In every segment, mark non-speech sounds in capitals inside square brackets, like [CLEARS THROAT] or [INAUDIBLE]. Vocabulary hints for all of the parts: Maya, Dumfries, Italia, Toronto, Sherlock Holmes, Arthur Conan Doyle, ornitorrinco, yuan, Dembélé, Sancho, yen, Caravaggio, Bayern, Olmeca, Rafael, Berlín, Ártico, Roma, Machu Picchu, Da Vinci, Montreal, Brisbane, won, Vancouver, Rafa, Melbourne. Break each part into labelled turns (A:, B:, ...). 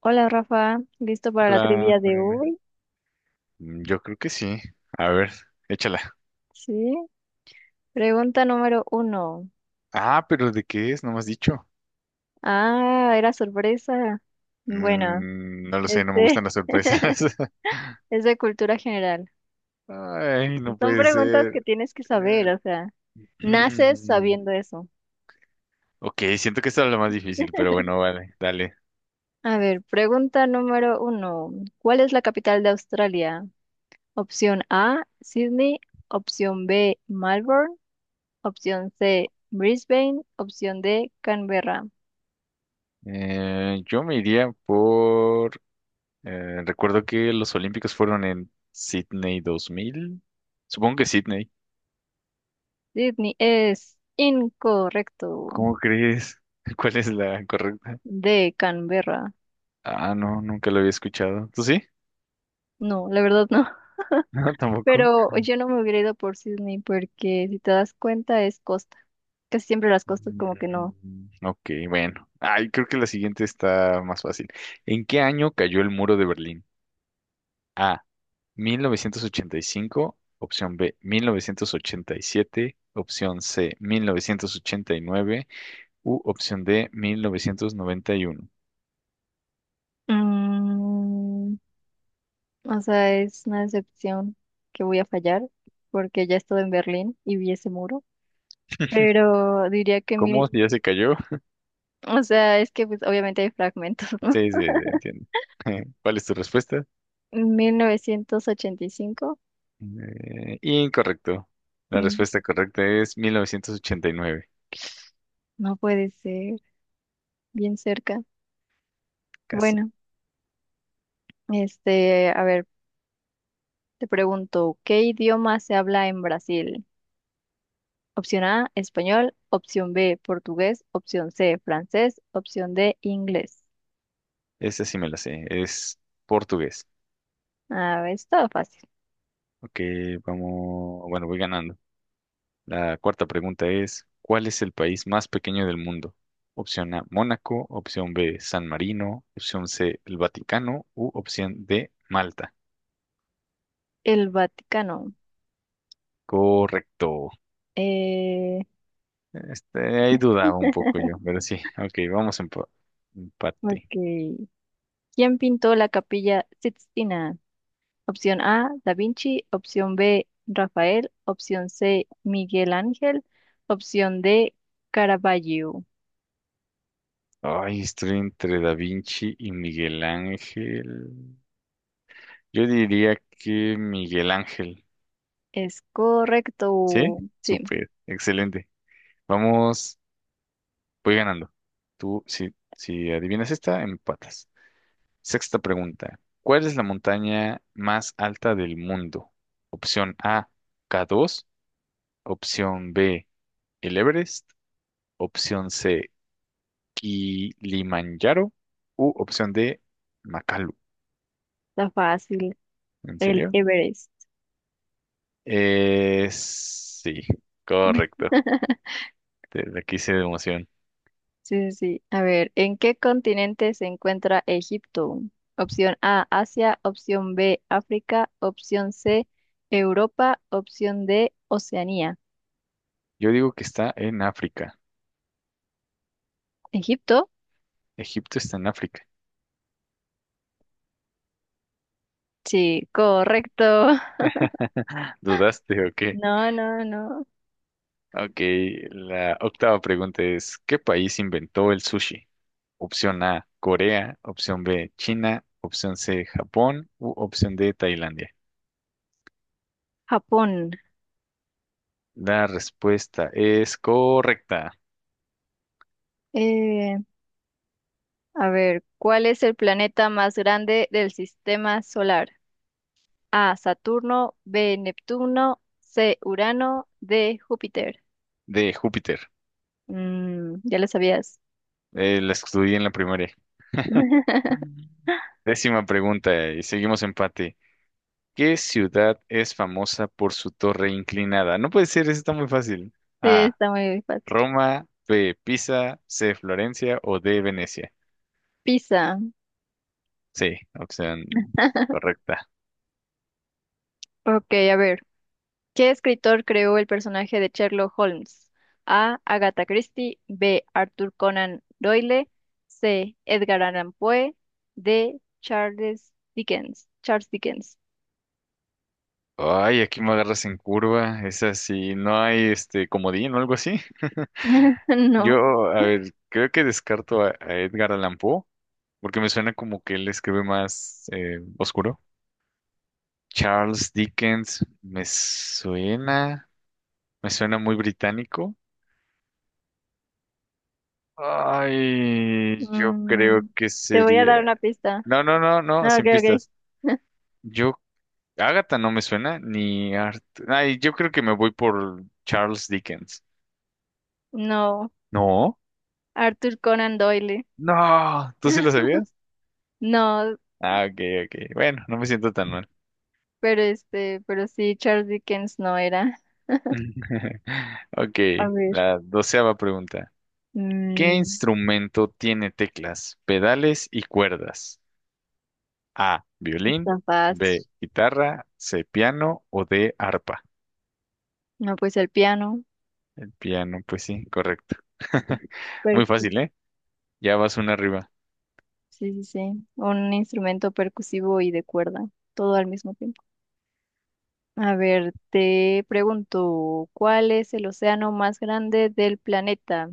A: Hola Rafa, ¿listo para la
B: Hola,
A: trivia de
B: Mariana.
A: hoy?
B: Yo creo que sí. A ver, échala.
A: Sí. Pregunta número uno.
B: Ah, pero ¿de qué es? No me has dicho.
A: Ah, era sorpresa. Bueno,
B: No lo sé, no me gustan
A: este
B: las sorpresas.
A: [LAUGHS]
B: [LAUGHS]
A: es de cultura general.
B: Ay, no
A: Son
B: puede
A: preguntas que
B: ser.
A: tienes que saber,
B: Eh,
A: o sea, naces
B: [CLEARS THROAT]
A: sabiendo eso.
B: Ok, siento que esta es lo más difícil, pero bueno, vale, dale.
A: A ver, pregunta número uno. ¿Cuál es la capital de Australia? Opción A, Sydney. Opción B, Melbourne. Opción C, Brisbane. Opción D, Canberra.
B: Yo me iría por... recuerdo que los Olímpicos fueron en Sydney 2000. Supongo que Sydney.
A: Sydney es incorrecto.
B: ¿Cómo crees? [LAUGHS] ¿Cuál es la correcta?
A: De Canberra.
B: Ah, no, nunca lo había escuchado. ¿Tú sí? [LAUGHS]
A: No, la verdad no.
B: No,
A: [LAUGHS]
B: tampoco.
A: Pero yo no me hubiera ido por Sydney porque si te das cuenta es costa. Casi siempre las costas como que no.
B: Mm, ok, bueno. Ay, creo que la siguiente está más fácil. ¿En qué año cayó el muro de Berlín? A. 1985. Opción B. 1987. Opción C. 1989. U opción D. 1991.
A: Mm, o sea, es una decepción que voy a fallar porque ya estuve en Berlín y vi ese muro. Pero diría que
B: ¿Cómo?
A: mil,
B: ¿Si ya se cayó? [LAUGHS]
A: o sea, es que pues obviamente hay fragmentos, ¿no?
B: Sí, sí, sí, entiendo. [LAUGHS] ¿Cuál es tu respuesta?
A: [LAUGHS] 1985.
B: Incorrecto. La
A: Mm,
B: respuesta correcta es 1989.
A: no puede ser, bien cerca.
B: Casi.
A: Bueno. A ver, te pregunto, ¿qué idioma se habla en Brasil? Opción A, español, opción B, portugués, opción C, francés, opción D, inglés.
B: Esa sí me la sé, es portugués.
A: A ver, estaba fácil.
B: Ok, vamos, bueno, voy ganando. La cuarta pregunta es, ¿cuál es el país más pequeño del mundo? Opción A, Mónaco, opción B, San Marino, opción C, el Vaticano u opción D, Malta.
A: El Vaticano.
B: Correcto.
A: Eh,
B: Este, ahí dudaba un poco yo,
A: [LAUGHS]
B: pero sí. Ok, vamos en empate.
A: ok. ¿Quién pintó la Capilla Sixtina? Opción A, Da Vinci, opción B, Rafael, opción C, Miguel Ángel, opción D, Caravaggio.
B: Ay, estoy entre Da Vinci y Miguel Ángel. Yo diría que Miguel Ángel.
A: Es
B: ¿Sí?
A: correcto. Sí,
B: Súper, excelente. Vamos. Voy ganando. Tú, si adivinas esta, empatas. Sexta pregunta. ¿Cuál es la montaña más alta del mundo? Opción A, K2. Opción B, el Everest. Opción C, Kilimanjaro. U opción D, Makalu.
A: está fácil.
B: ¿En
A: El
B: serio?
A: Everest.
B: Sí, correcto.
A: [LAUGHS]
B: Te la quise de emoción.
A: Sí, sí, sí. A ver, ¿en qué continente se encuentra Egipto? Opción A, Asia, opción B, África, opción C, Europa, opción D, Oceanía.
B: Yo digo que está en África.
A: ¿Egipto?
B: Egipto está en África.
A: Sí, correcto. [LAUGHS]
B: [LAUGHS] ¿Dudaste o qué?
A: No, no, no.
B: Ok, la octava pregunta es, ¿qué país inventó el sushi? Opción A, Corea, opción B, China, opción C, Japón u opción D, Tailandia.
A: Japón.
B: La respuesta es correcta,
A: Eh, a ver, ¿cuál es el planeta más grande del sistema solar? A, Saturno, B, Neptuno, C, Urano, D, Júpiter.
B: de Júpiter.
A: Mm, ya lo sabías.
B: La estudié en la primaria. Mm.
A: [LAUGHS]
B: Décima pregunta y seguimos empate. ¿Qué ciudad es famosa por su torre inclinada? No puede ser, eso está muy fácil.
A: Sí,
B: A,
A: está muy fácil.
B: Roma, B, Pisa, C, Florencia o D, Venecia.
A: Pizza.
B: Sí, opción
A: [LAUGHS]
B: correcta.
A: Ok, a ver. ¿Qué escritor creó el personaje de Sherlock Holmes? A. Agatha Christie. B. Arthur Conan Doyle. C. Edgar Allan Poe. D. Charles Dickens.
B: Ay, aquí me agarras en curva. Es así, no hay este comodín o algo así. [LAUGHS]
A: [LAUGHS] No.
B: Yo, a ver, creo que descarto a Edgar Allan Poe, porque me suena como que él escribe más oscuro. Charles Dickens, me suena muy británico. Ay, yo creo
A: Mm,
B: que
A: te voy a dar
B: sería.
A: una pista.
B: No, no, no, no,
A: Ah, Ok,
B: sin pistas.
A: ok. [LAUGHS]
B: Yo Agatha no me suena, ni Art. Ay, yo creo que me voy por Charles Dickens.
A: No.
B: No,
A: Arthur Conan Doyle.
B: no, ¿tú sí lo
A: [LAUGHS]
B: sabías?
A: No,
B: Ah, ok, ok. Bueno, no me siento tan mal.
A: pero pero sí, Charles Dickens no era.
B: [LAUGHS] Ok,
A: A ver.
B: la doceava pregunta. ¿Qué
A: Mm,
B: instrumento tiene teclas, pedales y cuerdas? A, violín,
A: está fácil.
B: B, guitarra, C, piano o D, arpa.
A: No, pues el piano,
B: Piano, pues sí, correcto. [LAUGHS] Muy
A: percu-
B: fácil, ¿eh? Ya vas una arriba.
A: sí, sí, sí, un instrumento percusivo y de cuerda, todo al mismo tiempo. A ver, te pregunto, ¿cuál es el océano más grande del planeta?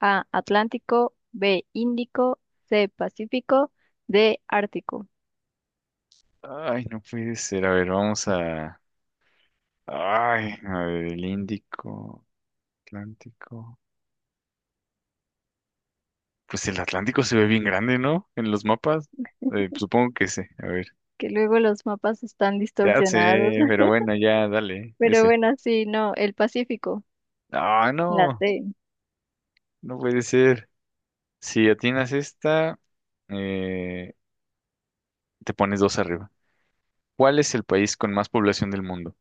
A: A, Atlántico, B, Índico, C, Pacífico, D, Ártico.
B: Ay, no puede ser. A ver, vamos a... Ay, a ver, el Índico, Atlántico. Pues el Atlántico se ve bien grande, ¿no? En los mapas. Supongo que sí. A ver.
A: Que luego los mapas están
B: Ya
A: distorsionados.
B: sé,
A: [LAUGHS]
B: pero bueno, ya dale,
A: Pero
B: ese.
A: bueno, sí, no, el Pacífico,
B: Ah,
A: la
B: no,
A: C.
B: no puede ser. Si atinas esta, eh, te pones dos arriba. ¿Cuál es el país con más población del mundo?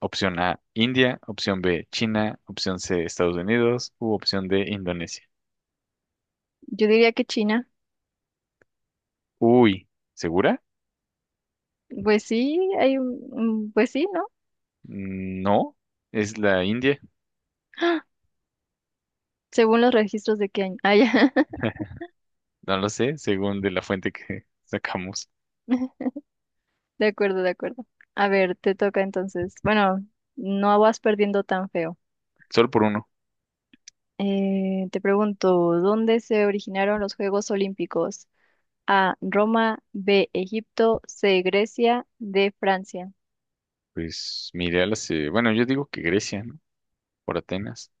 B: Opción A, India. Opción B, China. Opción C, Estados Unidos. U opción D, Indonesia.
A: Yo diría que China.
B: Uy, ¿segura?
A: Pues sí, hay pues sí, ¿no?
B: Mm, no, es la India.
A: [GASPS] Según los registros de qué año. Ah, ya.
B: No lo sé, según de la fuente que [LAUGHS] sacamos.
A: [LAUGHS] De acuerdo, de acuerdo. A ver, te toca entonces. Bueno, no vas perdiendo tan feo.
B: Solo por uno.
A: Te pregunto, ¿dónde se originaron los Juegos Olímpicos? A, Roma, B, Egipto, C, Grecia, D, Francia.
B: Pues mi ideal hace, bueno, yo digo que Grecia, ¿no? Por Atenas.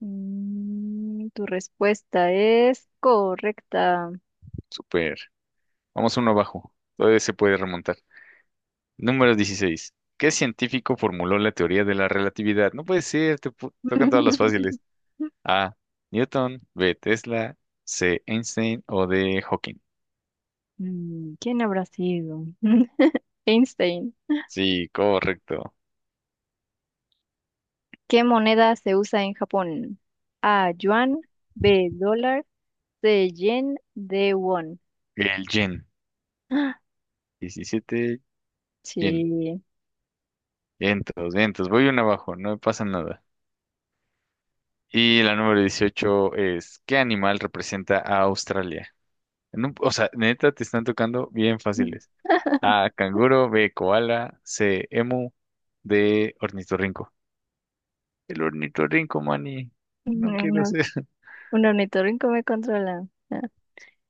A: Mm, tu respuesta es correcta.
B: Súper. Vamos uno abajo. Todavía se puede remontar. Número 16. ¿Qué científico formuló la teoría de la relatividad? No puede ser, tocan todas las fáciles.
A: [LAUGHS]
B: A. Newton, B. Tesla, C. Einstein o D. Hawking.
A: Mm, ¿quién habrá sido? [LAUGHS] Einstein.
B: Sí, correcto.
A: ¿Qué moneda se usa en Japón? A, yuan, B, dólar, C, yen, D, won.
B: El yen.
A: ¡Ah!
B: 17. Yen.
A: Sí.
B: Vientos, vientos. Voy uno abajo, no pasa nada. Y la número 18 es, ¿qué animal representa a Australia? O sea, neta, te están tocando bien fáciles.
A: [LAUGHS]
B: A, canguro, B, koala, C, emu, D, ornitorrinco. El ornitorrinco, mani. No quiero
A: No,
B: ser. [LAUGHS]
A: un ornitorrinco me controla. Ah,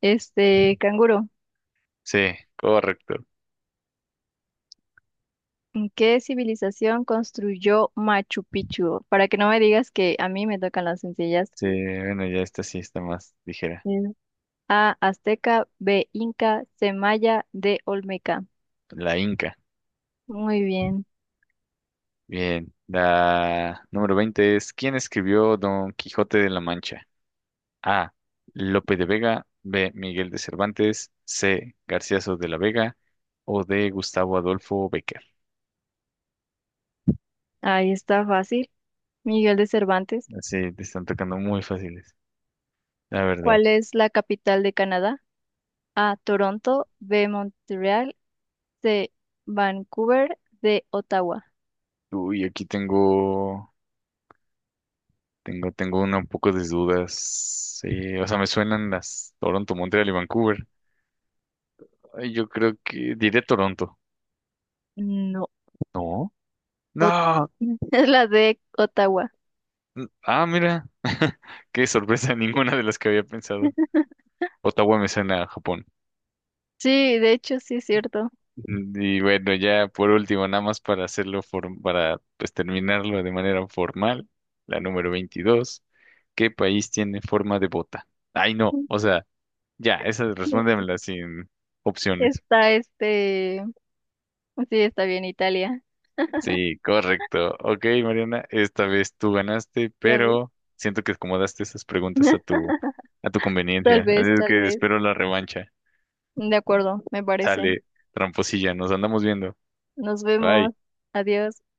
A: Canguro,
B: Sí, correcto.
A: ¿qué civilización construyó Machu Picchu? Para que no me digas que a mí me tocan las sencillas.
B: Sí, bueno, ya esta sí está más ligera.
A: Mm. A, Azteca, B, Inca, C, Maya, D, Olmeca.
B: La Inca.
A: Muy bien,
B: Bien. La número 20 es, ¿quién escribió Don Quijote de la Mancha? A. Lope de Vega. B. Miguel de Cervantes. C. Garcilaso de la Vega. O D. Gustavo Adolfo Bécquer.
A: ahí está fácil. Miguel de Cervantes,
B: Así te están tocando muy fáciles, la verdad.
A: ¿cuál es la capital de Canadá? A. Toronto. B. Montreal. C. Vancouver. D. Ottawa.
B: Uy, aquí tengo, una un poco de dudas. Sí, o sea, me suenan las Toronto, Montreal y Vancouver. Ay, yo creo que diré Toronto.
A: No.
B: No,
A: Ot-
B: no.
A: [LAUGHS] es la D. Ottawa.
B: Ah, mira, [LAUGHS] qué sorpresa, ninguna de las que había pensado. Ottawa me suena a Japón.
A: Sí, de hecho, sí es cierto.
B: Y bueno, ya por último, nada más para hacerlo, para pues terminarlo de manera formal, la número 22, ¿qué país tiene forma de bota? Ay, no, o sea, ya, esa
A: [LAUGHS]
B: respóndemela sin opciones.
A: Está este. Sí, está bien, Italia.
B: Sí, correcto. Ok, Mariana, esta vez tú ganaste,
A: Ya ves.
B: pero siento que acomodaste esas preguntas
A: [LAUGHS]
B: a tu
A: Tal
B: conveniencia. Así
A: vez,
B: es
A: tal
B: que
A: vez.
B: espero la revancha.
A: De acuerdo, me parece.
B: Sale, tramposilla, nos andamos viendo.
A: Nos vemos.
B: Bye.
A: Adiós.